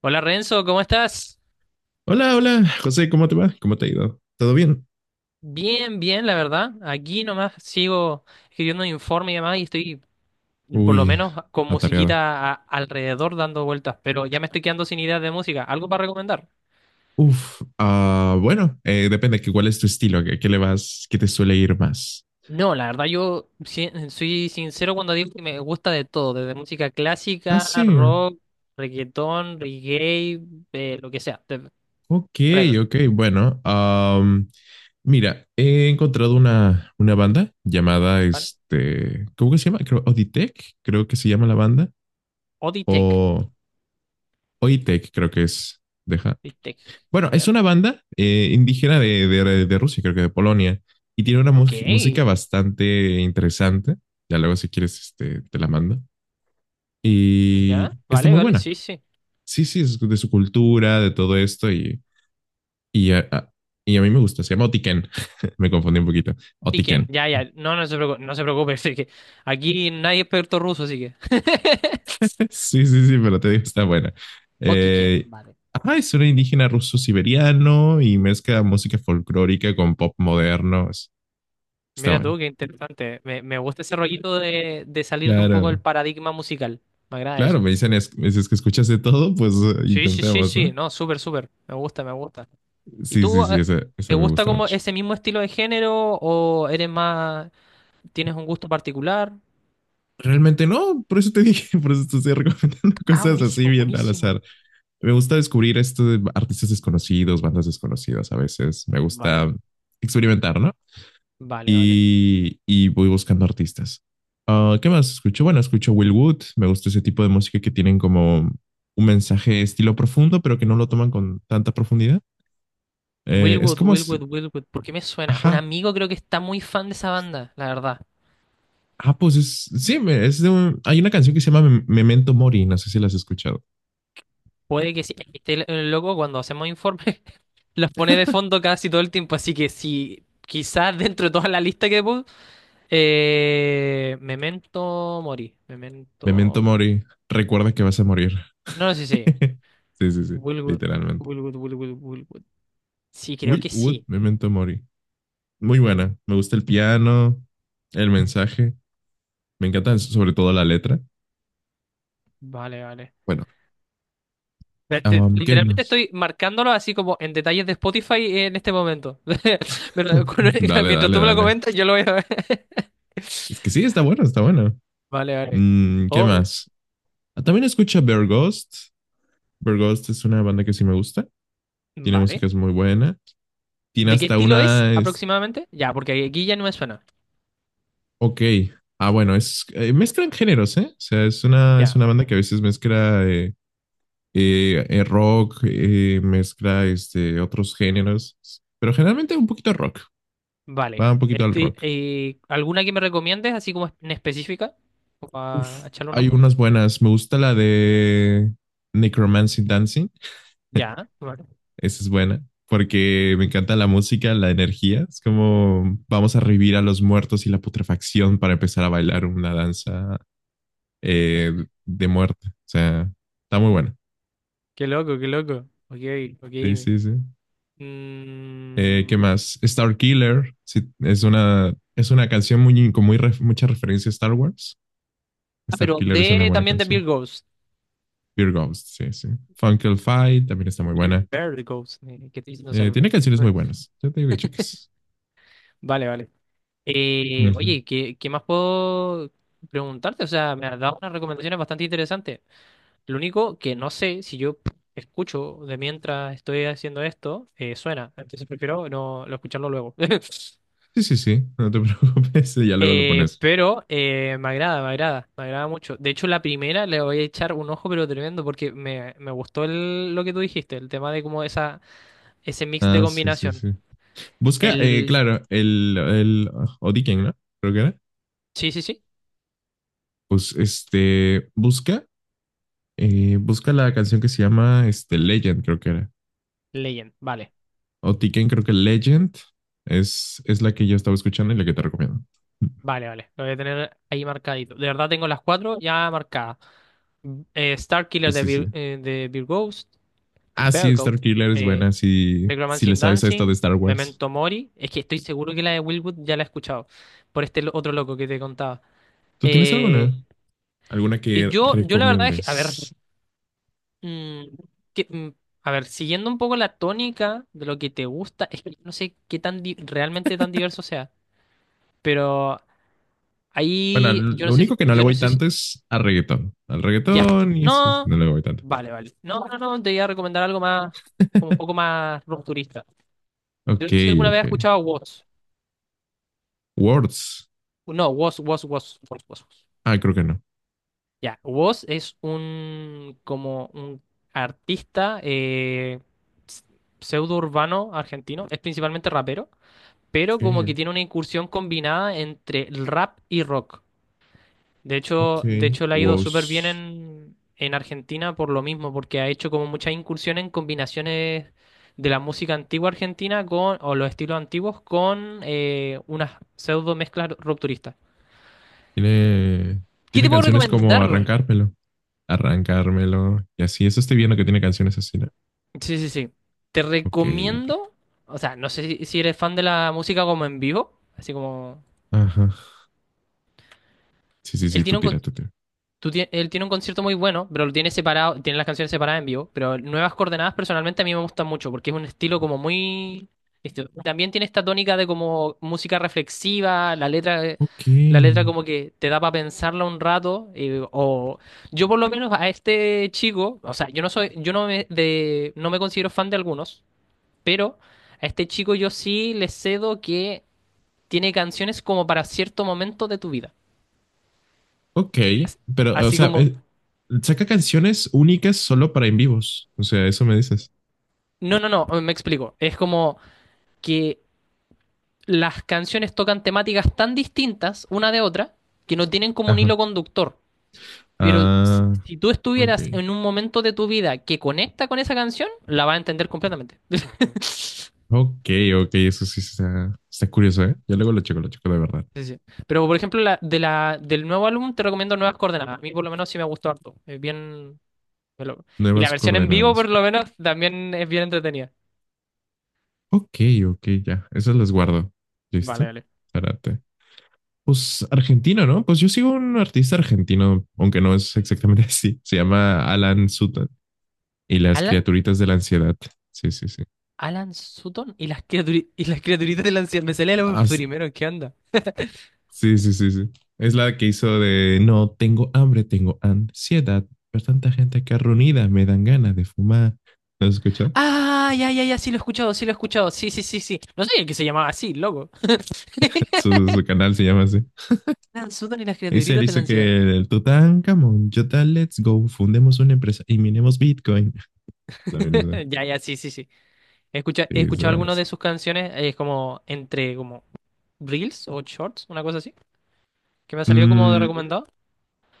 Hola Renzo, ¿cómo estás? Hola, hola, José, ¿cómo te va? ¿Cómo te ha ido? ¿Todo bien? Bien, bien, la verdad. Aquí nomás sigo escribiendo un informe y demás y estoy por lo Uy, menos con atareado. musiquita alrededor dando vueltas, pero ya me estoy quedando sin ideas de música. ¿Algo para recomendar? Uf, ah, bueno, depende que cuál es tu estilo, qué le vas, qué te suele ir más. No, la verdad yo soy sincero cuando digo que me gusta de todo, desde música Ah, clásica, sí. rock, reggaetón, reggae, lo que sea, Ok, whatever, ok, bueno. Mira, he encontrado una banda llamada, ¿vale? ¿Cómo que se llama? Creo, Oditech, creo que se llama la banda. O D-Tech, O Oitech, creo que es. Deja. D-Tech, Bueno, a es ver. una banda indígena de Rusia, creo que de Polonia, y tiene una Ok, música bastante interesante. Ya luego, si quieres, te la mando. Y ya, está vale, muy vale, buena. sí, sí. Sí, sí, es de su cultura, de todo esto, y, a, a- y a mí me gusta. Se llama Otiken. Me confundí un poquito. ¿Y quién? Otiken. Ya, ya, no, no se preocupe, no se preocupe, sí que aquí nadie es experto ruso, así que. Sí, sí, sí, pero te digo, está buena. Eh, Otiken, vale. ajá, es un indígena ruso-siberiano y mezcla música folclórica con pop moderno. Es- Está Mira buena. tú, qué interesante. Me gusta ese rollito de salirte un poco del Claro. paradigma musical. Me agrada Claro, eso. me dicen, es, me dices que escuchas de todo, pues Sí, sí, sí, intentemos, sí, ¿no? no, súper, súper. Me gusta, me gusta. ¿Y Sí, sí, tú, sí, esa te me gusta gusta como mucho. ese mismo estilo de género o eres más, tienes un gusto particular? Realmente no, por eso te dije, por eso te estoy recomendando Ah, cosas así buenísimo, bien al buenísimo. azar. Me gusta descubrir esto de artistas desconocidos, bandas desconocidas a veces. Me Vale, gusta experimentar, ¿no? vale, vale. Y voy buscando artistas. Ah, ¿qué más escucho? Bueno, escucho Will Wood. Me gusta ese tipo de música que tienen como un mensaje estilo profundo, pero que no lo toman con tanta profundidad. Es Wilwood, como, si- Wilwood, Wilwood, ¿por qué me suena? Un ajá, amigo creo que está muy fan de esa banda, la verdad. ah, sí, es de hay una canción que se llama Memento Mori, no sé si la has escuchado. Puede que sí. Este loco cuando hacemos informes los pone de fondo casi todo el tiempo, así que si quizás dentro de toda la lista que puse, Memento Mori, Memento Memento... Mori, recuerda que vas a morir. No, no sé si Sí, sí, sí, Willwood, literalmente. Willwood, Willwood, Willwood. Sí, creo Will que Wood, sí. Memento Mori. Muy buena, me gusta el piano, el mensaje, me encanta sobre todo la letra. Vale, vale. Bueno, ¿qué Literalmente más? estoy marcándolo así como en detalles de Spotify en este momento. Pero con- Dale, mientras dale, tú me lo dale. comentas, yo lo voy a ver. Es que sí, está bueno, está bueno. Vale, vale. Mm, ¿qué Oh, más? Ah, también escucho Bear Ghost. Bear Ghost es una banda que sí me gusta, tiene vale. músicas muy buenas. Tiene ¿De qué hasta estilo es una. Es- aproximadamente? Ya, porque aquí ya no me suena. ok. Ah, bueno, es mezclan géneros, ¿eh? O sea, es Ya, una banda que a veces mezcla rock, mezcla otros géneros, pero generalmente un poquito rock. vale. Va un poquito al Este, rock. ¿Alguna que me recomiendes, así como en específica, Uf, para echarle un hay ojo? unas buenas. Me gusta la de Necromancy Dancing. Ya, vale. Esa es buena. Porque me encanta la música, la energía. Es como vamos a revivir a los muertos y la putrefacción para empezar a bailar una danza eh, de muerte. O sea, está muy buena. Qué loco, qué loco. Ok, Sí, ok. sí, sí. Mm, ¿Qué más? Star Killer. Sí, es una canción muy, con muy mucha referencia a Star Wars. ah, Star pero Killer es una de buena también de Bill canción. Goes. Fear Ghost, sí, sí. Funkle Fight también está muy Bill buena. Bear Goes, que estoy diciendo Tiene cerveza. canciones muy buenas. Ya te digo que cheques. Vale, vale. Ujú. Oye, ¿qué más puedo preguntarte? O sea, me has dado unas recomendaciones bastante interesantes. Lo único que no sé si yo escucho de mientras estoy haciendo esto, suena. Entonces prefiero no, no escucharlo luego. Sí, sí, sí. No te preocupes. Ya luego lo pones. pero me agrada, me agrada, me agrada mucho. De hecho, la primera le voy a echar un ojo, pero tremendo, porque me gustó lo que tú dijiste, el tema de como esa, ese mix de Ah, sí, sí, combinación. sí. Busca, El... claro, el Odiken, ¿no? Creo que era. Sí, sí, sí. Pues busca busca la canción que se llama Legend, creo que era. Legend. Vale, O Tiken, creo que Legend es la que yo estaba escuchando y la que te recomiendo. vale, vale. Lo voy a tener ahí marcadito. De verdad tengo las cuatro ya marcadas. Mm, eh, Star Sí, Killer de, sí, sí. De Beer Ah, sí, Bear Star Goat, Killer es buena eh, si, si Necromancy le sabes a esta de Dancing, Star Wars. Memento Mori. Es que estoy seguro que la de Wilwood ya la he escuchado por este otro loco que te contaba. ¿Tú tienes alguna? Eh, ¿Alguna y que yo, yo la verdad es que, a ver, recomiendes? mm, mm, a ver, siguiendo un poco la tónica de lo que te gusta, es que no sé qué tan realmente tan diverso sea, pero Bueno, ahí yo no lo sé si, único que no le yo no voy sé si, tanto es al reggaetón. Al ya, reggaetón y eso no, no le voy tanto. vale, vale, no, no, no, te voy a recomendar algo más, como un poco más rupturista. Yo Ok, no sé si alguna vez ok. has escuchado a Watts. Words. No, was Was. Ah, creo que no. Ya, was es un como un artista pseudo urbano argentino, es principalmente rapero, pero como que Ok, tiene una incursión combinada entre el rap y rock. Ok. De hecho le ha ido súper bien Words. En Argentina por lo mismo, porque ha hecho como muchas incursiones en combinaciones de la música antigua argentina con, o los estilos antiguos con unas pseudo mezclas rupturistas. Tiene, ¿Qué te tiene puedo canciones como recomendar? Arrancármelo. Arrancármelo y así. Eso estoy viendo que tiene canciones así. ¿No? Sí, sí, sí. Te Ok, ok. recomiendo, o sea, no sé si, si eres fan de la música como en vivo, así como... Ajá. Sí, sí, sí, Él tú tiene un, con- tira, tú tira. tú tie- él tiene un concierto muy bueno, pero lo tiene separado, tiene las canciones separadas en vivo, pero Nuevas Coordenadas personalmente a mí me gusta mucho porque es un estilo como muy... Esto también tiene esta tónica de como música reflexiva, Ok. la letra como que te da para pensarla un rato, o... Yo por lo menos a este chico, o sea, yo no soy, yo no me, de, no me considero fan de algunos. Pero a este chico yo sí le cedo que tiene canciones como para cierto momento de tu vida. Ok, pero, o Así sea, como, saca canciones únicas solo para en vivos. O sea, eso me dices. no, no, no, me explico. Es como que las canciones tocan temáticas tan distintas una de otra que no tienen como un Ajá. hilo conductor. Pero si, Ah, si tú ok. estuvieras en un momento de tu vida que conecta con esa canción, la vas a entender completamente. Ok, ok, eso sí está, está curioso, ¿eh? Yo luego lo checo de verdad. Sí, sí. Pero por ejemplo, la, de la, del nuevo álbum te recomiendo Nuevas Coordenadas. A mí por lo menos sí me gustó harto. Es bien, Me lo- Y la Nuevas versión en vivo, coordenadas. por lo menos, también es bien entretenida. Ok, ok, ya. Esas las guardo. Vale, ¿Listo? vale. Espérate. Pues argentino, ¿no? Pues yo sigo un artista argentino, aunque no es exactamente así. Se llama Alan Sutton y las Alan, criaturitas de la ansiedad. Sí, sí, sí. Alan Sutton y las y las criaturitas de la anciano. Me salía lo Ah, s- primero, ¿qué onda? sí, sí, sí, sí. Es la que hizo de no tengo hambre, tengo ansiedad. Pero tanta gente que reunida me dan ganas de fumar. ¿Lo has escuchado? Ah, ya, ya, ya, sí lo he escuchado, sí lo he escuchado. Sí, sí, sí, sí. No sabía que se llamaba así, loco. Su canal se llama así. Alan Sutton y las Dice, él criaturitas de la hizo ansiedad. que el Tutankamón, Jota, let's go, fundemos una empresa y minemos Bitcoin. También eso. Ya, ya, sí, sí, sí. Sí, He eso, escuchado bueno. algunas Sí. de sus canciones, es como entre como reels o shorts, una cosa así, que me ha salido como de Mm, recomendado.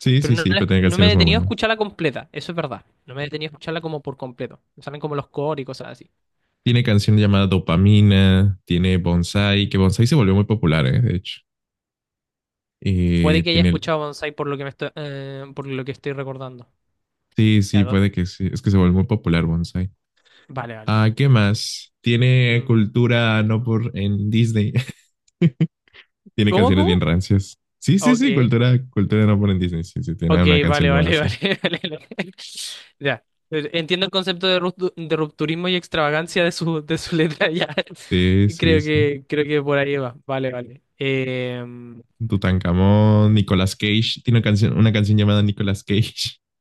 sí, Pero sí, no, sí, pero tiene no me he canciones muy detenido a buenas. escucharla completa, eso es verdad. No me he detenido a escucharla como por completo. Me salen como los cores y cosas así. Tiene canción llamada Dopamina, tiene Bonsai, que Bonsai se volvió muy popular, de hecho. Puede que haya Tiene el... escuchado Bonsai por lo que me estoy, por lo que estoy recordando. Sí, sí, Ya, puede que sí. Es que se volvió muy popular Bonsai. vale, vale. Ah, ¿qué más? Tiene Mm, cultura no por en Disney. Tiene ¿cómo, canciones bien cómo? rancias. Sí, sí, Ok, sí, cultura, cultura no por en Disney. Sí, sí, tiene ok, una canción vale, llamada vale, así. vale, vale, vale. Ya. Entiendo el concepto de, de rupturismo y extravagancia de su letra, ya. Sí, sí, sí. Creo que por ahí va. Vale, vale. Tutankamón, Nicolas Cage. Tiene una canción llamada Nicolas Cage.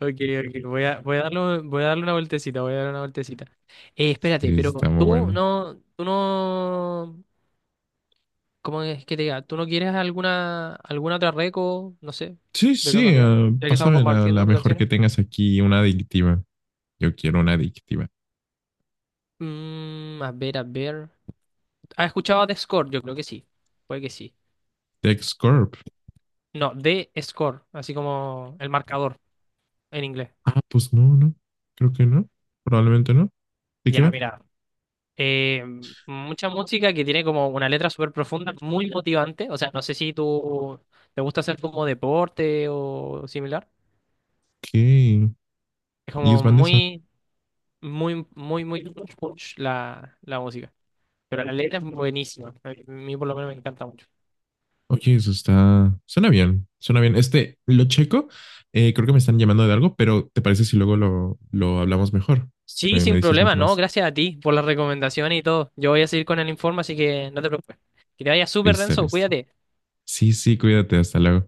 ok, ok, voy a darle una vueltecita, voy a darle una vueltecita. Espérate, Sí, pero está muy buena. Tú no, ¿cómo es que te diga? ¿Tú no quieres alguna, alguna otra reco, no sé, Sí, de sí, casualidad, ya que estamos pásame la, la compartiendo mejor que canciones? tengas aquí, una adictiva. Yo quiero una adictiva. Mm, a ver, a ver. ¿Has escuchado de Score? Yo creo que sí, puede que sí. TechScorp. No, de Score, así como el marcador en inglés. Ah, pues no, no. Creo que no. Probablemente no. ¿De qué Ya, va? mira, eh, mucha música que tiene como una letra súper profunda, muy motivante. O sea, no sé si tú te gusta hacer como deporte o similar. ¿Qué? Es Y es como bandesa. muy, muy punch, punch la, la música. Pero la letra es buenísima. A mí por lo menos me encanta mucho. Oye, eso está. Suena bien. Suena bien. Este, lo checo. Creo que me están llamando de algo, pero ¿te parece si luego lo hablamos mejor? Sí, Me sin dices problema, mucho no, más. gracias a ti por la recomendación y todo. Yo voy a seguir con el informe, así que no te preocupes. Que te vaya súper, Listo, Renzo, listo. cuídate. Sí, sí, cuídate. Hasta luego.